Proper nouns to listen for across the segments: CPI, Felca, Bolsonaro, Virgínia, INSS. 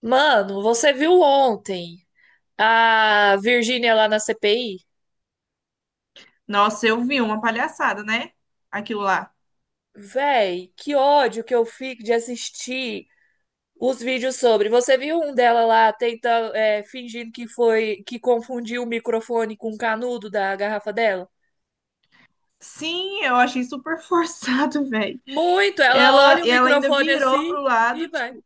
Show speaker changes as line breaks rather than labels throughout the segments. Mano, você viu ontem a Virgínia lá na CPI?
Nossa, eu vi uma palhaçada, né? Aquilo lá.
Véi, que ódio que eu fico de assistir os vídeos sobre. Você viu um dela lá tentando, fingindo que foi, que confundiu o microfone com o canudo da garrafa dela?
Sim, eu achei super forçado, velho.
Muito! Ela
Ela,
olha o
ela ainda
microfone
virou
assim
pro
e
lado,
vai.
tipo,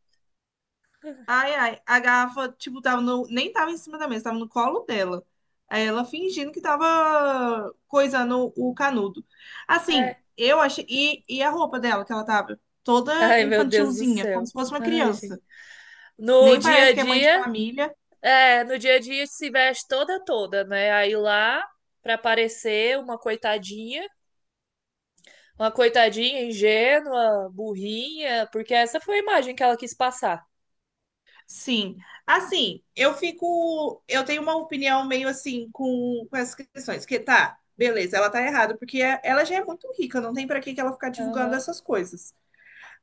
ai, ai, a garrafa, tipo, tava no, nem tava em cima da mesa, tava no colo dela. Aí ela fingindo que tava coisando o canudo.
É.
Assim, eu achei. E a roupa dela, que ela tava toda
Ai, meu Deus do
infantilzinha, como se
céu.
fosse uma
Ai, gente.
criança.
No
Nem
dia
parece
a
que é mãe de
dia,
família.
é, No dia a dia se veste toda toda, né? Aí lá, pra parecer uma coitadinha. Uma coitadinha ingênua, burrinha, porque essa foi a imagem que ela quis passar.
Sim, assim, eu tenho uma opinião meio assim com essas questões, que tá, beleza, ela tá errada, porque ela já é muito rica, não tem pra que que ela ficar divulgando
Aham.
essas coisas.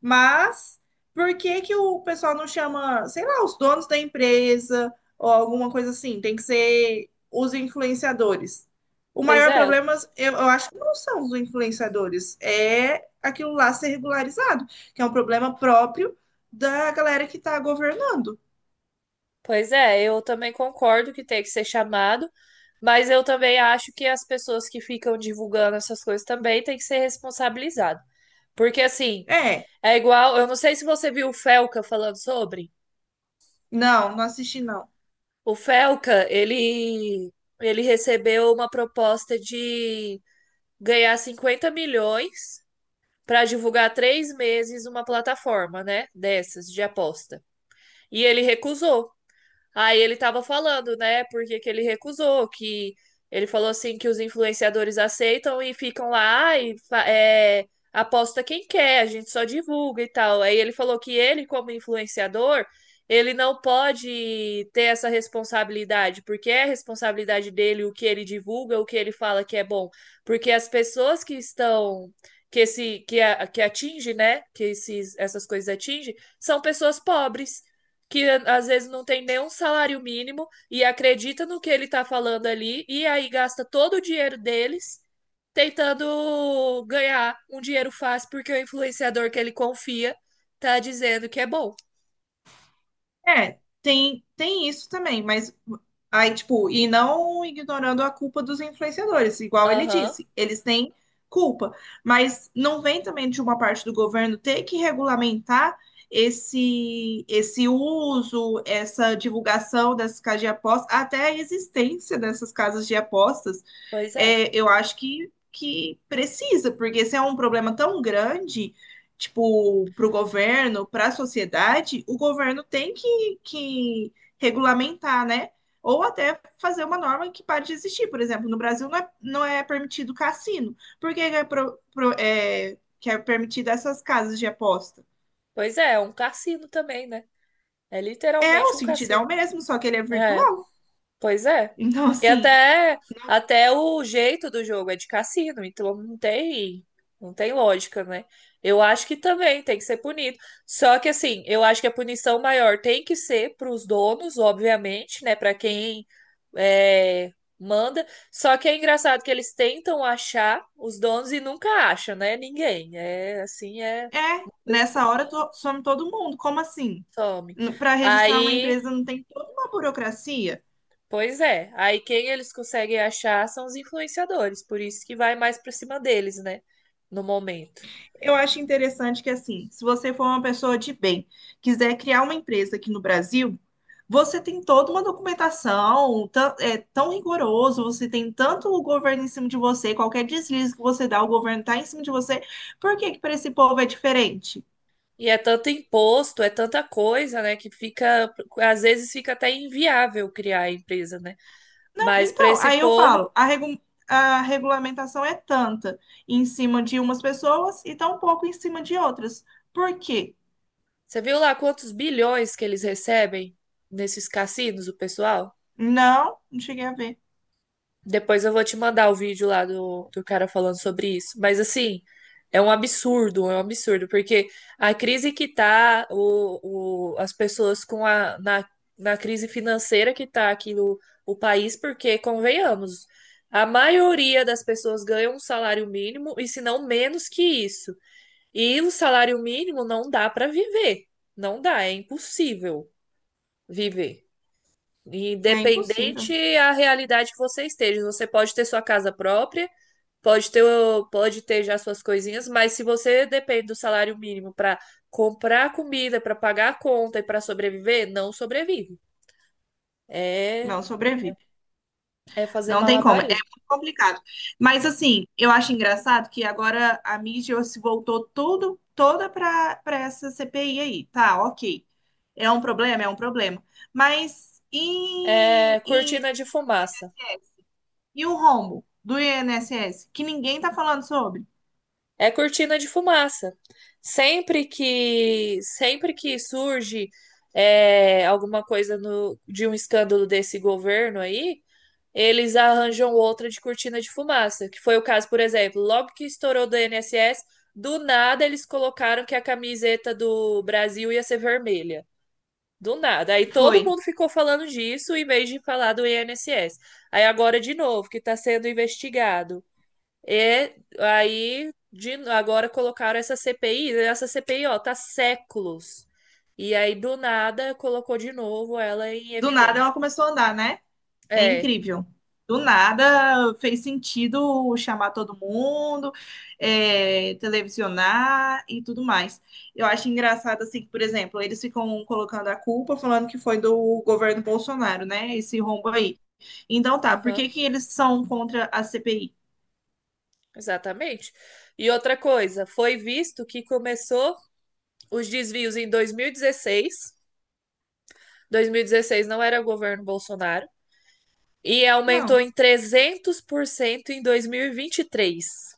Mas por que que o pessoal não chama, sei lá, os donos da empresa ou alguma coisa assim? Tem que ser os influenciadores. O
Pois
maior
é, eu-
problema, eu acho que não são os influenciadores, é aquilo lá ser regularizado, que é um problema próprio da galera que tá governando.
Pois é, eu também concordo que tem que ser chamado, mas eu também acho que as pessoas que ficam divulgando essas coisas também têm que ser responsabilizadas. Porque assim,
É,
é igual, eu não sei se você viu o Felca falando sobre.
não, não assisti não.
O Felca, ele recebeu uma proposta de ganhar 50 milhões para divulgar 3 meses uma plataforma, né, dessas de aposta. E ele recusou. Aí ele tava falando, né, porque que ele recusou, que ele falou assim que os influenciadores aceitam e ficam lá e aposta quem quer, a gente só divulga e tal. Aí ele falou que ele, como influenciador, ele não pode ter essa responsabilidade, porque é responsabilidade dele o que ele divulga, o que ele fala que é bom. Porque as pessoas que estão, que atinge, né, essas coisas atingem, são pessoas pobres que às vezes não tem nenhum salário mínimo e acredita no que ele tá falando ali e aí gasta todo o dinheiro deles tentando ganhar um dinheiro fácil porque o influenciador que ele confia tá dizendo que é bom.
É, tem tem isso também, mas aí tipo, e não ignorando a culpa dos influenciadores, igual ele
Aham,
disse, eles têm culpa, mas não vem também de uma parte do governo ter que regulamentar esse uso, essa divulgação dessas casas de apostas, até a existência dessas casas de apostas.
pois é.
É, eu acho que precisa, porque se é um problema tão grande tipo, para o governo, para a sociedade, o governo tem que regulamentar, né? Ou até fazer uma norma que pare de existir. Por exemplo, no Brasil não é permitido cassino. Por que é, que é permitido essas casas de aposta?
Pois é, é um cassino também, né? É
É, o
literalmente um
sentido é o
cassino.
mesmo, só que ele é
É.
virtual.
Pois é.
Então,
E
assim,
até o jeito do jogo é de cassino, então não tem lógica, né? Eu acho que também tem que ser punido. Só que assim, eu acho que a punição maior tem que ser para os donos, obviamente, né? Para quem é, manda. Só que é engraçado que eles tentam achar os donos e nunca acham, né? Ninguém. É assim, é. A
é, nessa
pessoa
hora some todo mundo. Como assim?
some.
Para registrar uma
Aí
empresa não tem toda uma burocracia?
Pois é. Aí quem eles conseguem achar são os influenciadores, por isso que vai mais para cima deles, né? No momento.
Eu acho interessante que, assim, se você for uma pessoa de bem, quiser criar uma empresa aqui no Brasil, você tem toda uma documentação, é tão rigoroso, você tem tanto o governo em cima de você, qualquer deslize que você dá, o governo tá em cima de você. Por que que para esse povo é diferente?
E é tanto imposto, é tanta coisa, né, que fica, às vezes fica até inviável criar a empresa, né?
Não,
Mas para
então,
esse
aí eu falo,
povo,
a regulamentação é tanta em cima de umas pessoas e tão pouco em cima de outras. Por quê?
você viu lá quantos bilhões que eles recebem nesses cassinos, o pessoal?
Não, não cheguei a ver.
Depois eu vou te mandar o vídeo lá do cara falando sobre isso. Mas assim, é um absurdo, porque a crise que tá, as pessoas com na crise financeira que tá aqui no o país, porque, convenhamos, a maioria das pessoas ganha um salário mínimo, e se não menos que isso. E o salário mínimo não dá para viver. Não dá, é impossível viver.
É impossível.
Independente a realidade que você esteja, você pode ter sua casa própria, pode ter, pode ter já suas coisinhas, mas se você depende do salário mínimo para comprar comida, para pagar a conta e para sobreviver, não sobrevive. É,
Não sobrevive.
é fazer
Não tem como, é
malabarismo.
muito complicado. Mas assim, eu acho engraçado que agora a mídia se voltou tudo, toda para essa CPI aí. Tá, ok. É um problema, é um problema. Mas
É
e, e,
cortina de fumaça.
e o rombo do INSS? Que ninguém tá falando sobre.
É cortina de fumaça. Sempre que surge alguma coisa de um escândalo desse governo aí, eles arranjam outra de cortina de fumaça, que foi o caso, por exemplo, logo que estourou do INSS, do nada eles colocaram que a camiseta do Brasil ia ser vermelha. Do nada. Aí todo
Foi.
mundo ficou falando disso em vez de falar do INSS. Aí agora de novo, que está sendo investigado agora colocaram essa CPI, e essa CPI, ó, tá séculos. E aí, do nada, colocou de novo ela em
Do nada
evidência.
ela começou a andar, né? É
É,
incrível. Do nada fez sentido chamar todo mundo, é, televisionar e tudo mais. Eu acho engraçado, assim, que, por exemplo, eles ficam colocando a culpa, falando que foi do governo Bolsonaro, né? Esse rombo aí. Então tá, por
aham,
que que eles são contra a CPI?
exatamente. E outra coisa, foi visto que começou os desvios em dois mil e dezesseis. Dois mil e 2016 não era governo Bolsonaro. E aumentou
Não.
em 300% em 2023.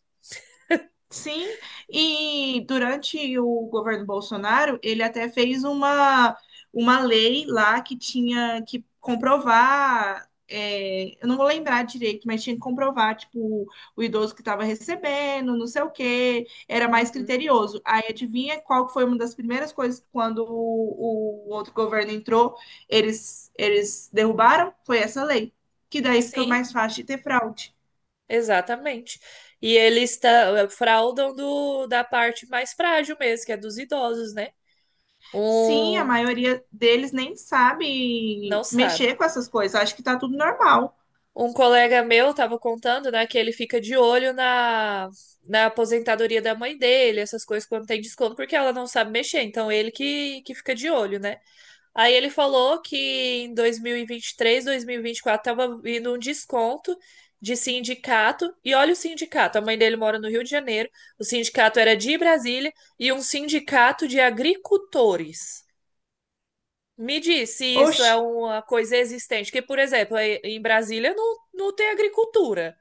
Sim, e durante o governo Bolsonaro, ele até fez uma lei lá que tinha que comprovar, é, eu não vou lembrar direito, mas tinha que comprovar, tipo, o idoso que estava recebendo, não sei o quê, era mais
Uhum.
criterioso. Aí adivinha qual que foi uma das primeiras coisas que quando o outro governo entrou, eles derrubaram? Foi essa lei, que daí fica
Sim,
mais fácil de ter fraude.
exatamente. E eles fraudam do, da parte mais frágil mesmo, que é dos idosos, né?
Sim, a
Um
maioria deles nem sabe
não sabe.
mexer com essas coisas. Acho que tá tudo normal.
Um colega meu estava contando, né, que ele fica de olho na, aposentadoria da mãe dele, essas coisas quando tem desconto, porque ela não sabe mexer. Então ele que fica de olho, né? Aí ele falou que em 2023, 2024 estava vindo um desconto de sindicato. E olha o sindicato, a mãe dele mora no Rio de Janeiro. O sindicato era de Brasília e um sindicato de agricultores. Me diz se isso
Oxi,
é uma coisa existente, porque, por exemplo, aí em Brasília não, não tem agricultura.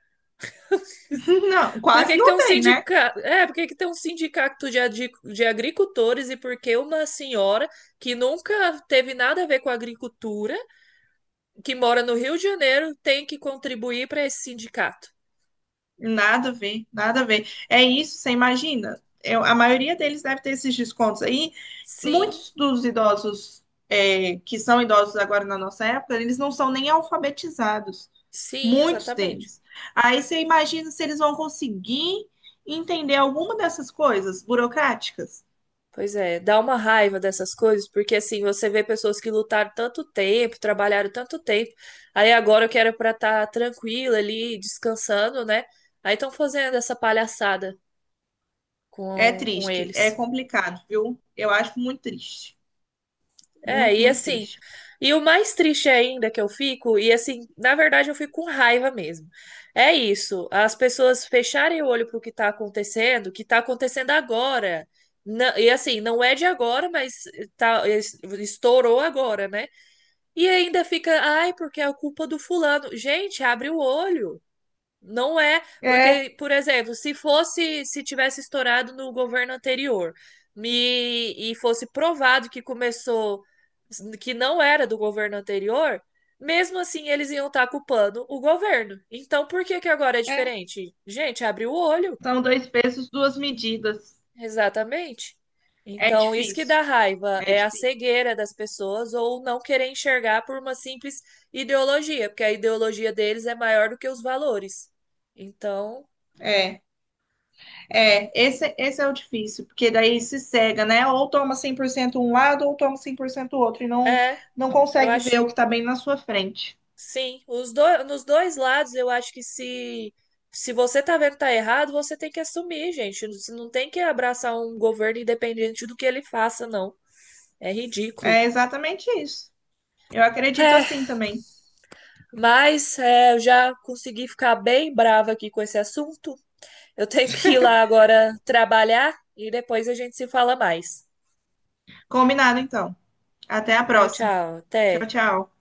não,
Por
quase
que que tem
não
um
tem, né?
sindicato? É, por que que tem um sindicato de, de agricultores e por que uma senhora que nunca teve nada a ver com agricultura que mora no Rio de Janeiro tem que contribuir para esse sindicato.
Nada a ver, nada a ver. É isso, você imagina? A maioria deles deve ter esses descontos aí.
Sim,
Muitos dos idosos é, que são idosos agora na nossa época, eles não são nem alfabetizados.
sim,
Muitos
exatamente.
deles. Aí você imagina se eles vão conseguir entender alguma dessas coisas burocráticas?
Pois é, dá uma raiva dessas coisas, porque assim, você vê pessoas que lutaram tanto tempo, trabalharam tanto tempo, aí agora que era para estar tranquila ali, descansando, né? Aí estão fazendo essa palhaçada
É
com
triste, é
eles.
complicado, viu? Eu acho muito triste.
É,
Muito,
e
muito
assim,
triste.
e o mais triste ainda que eu fico, e assim, na verdade eu fico com raiva mesmo. É isso, as pessoas fecharem o olho pro que tá acontecendo agora. E assim, não é de agora, mas tá, estourou agora, né? E ainda fica, ai, porque é a culpa do fulano. Gente, abre o olho. Não é,
É,
porque, por exemplo, se fosse, se tivesse estourado no governo anterior e fosse provado que começou, que não era do governo anterior, mesmo assim eles iam estar culpando o governo. Então, por que que agora é
é.
diferente? Gente, abre o olho.
São dois pesos, duas medidas.
Exatamente.
É
Então, isso que
difícil,
dá raiva
é
é a
difícil.
cegueira das pessoas ou não querer enxergar por uma simples ideologia, porque a ideologia deles é maior do que os valores. Então,
É, é. Esse é o difícil, porque daí se cega, né? Ou toma 100% um lado, ou toma 100% o outro, e não,
é.
não
Eu
consegue ver
acho,
o que tá bem na sua frente.
sim, os dois, nos dois lados, eu acho que se você tá vendo que tá errado, você tem que assumir, gente. Você não tem que abraçar um governo independente do que ele faça, não. É ridículo.
É exatamente isso. Eu acredito
É,
assim também.
mas é, eu já consegui ficar bem brava aqui com esse assunto. Eu tenho que ir lá agora trabalhar e depois a gente se fala mais.
Combinado, então. Até a
Tchau,
próxima.
tchau.
Tchau,
Até.
tchau.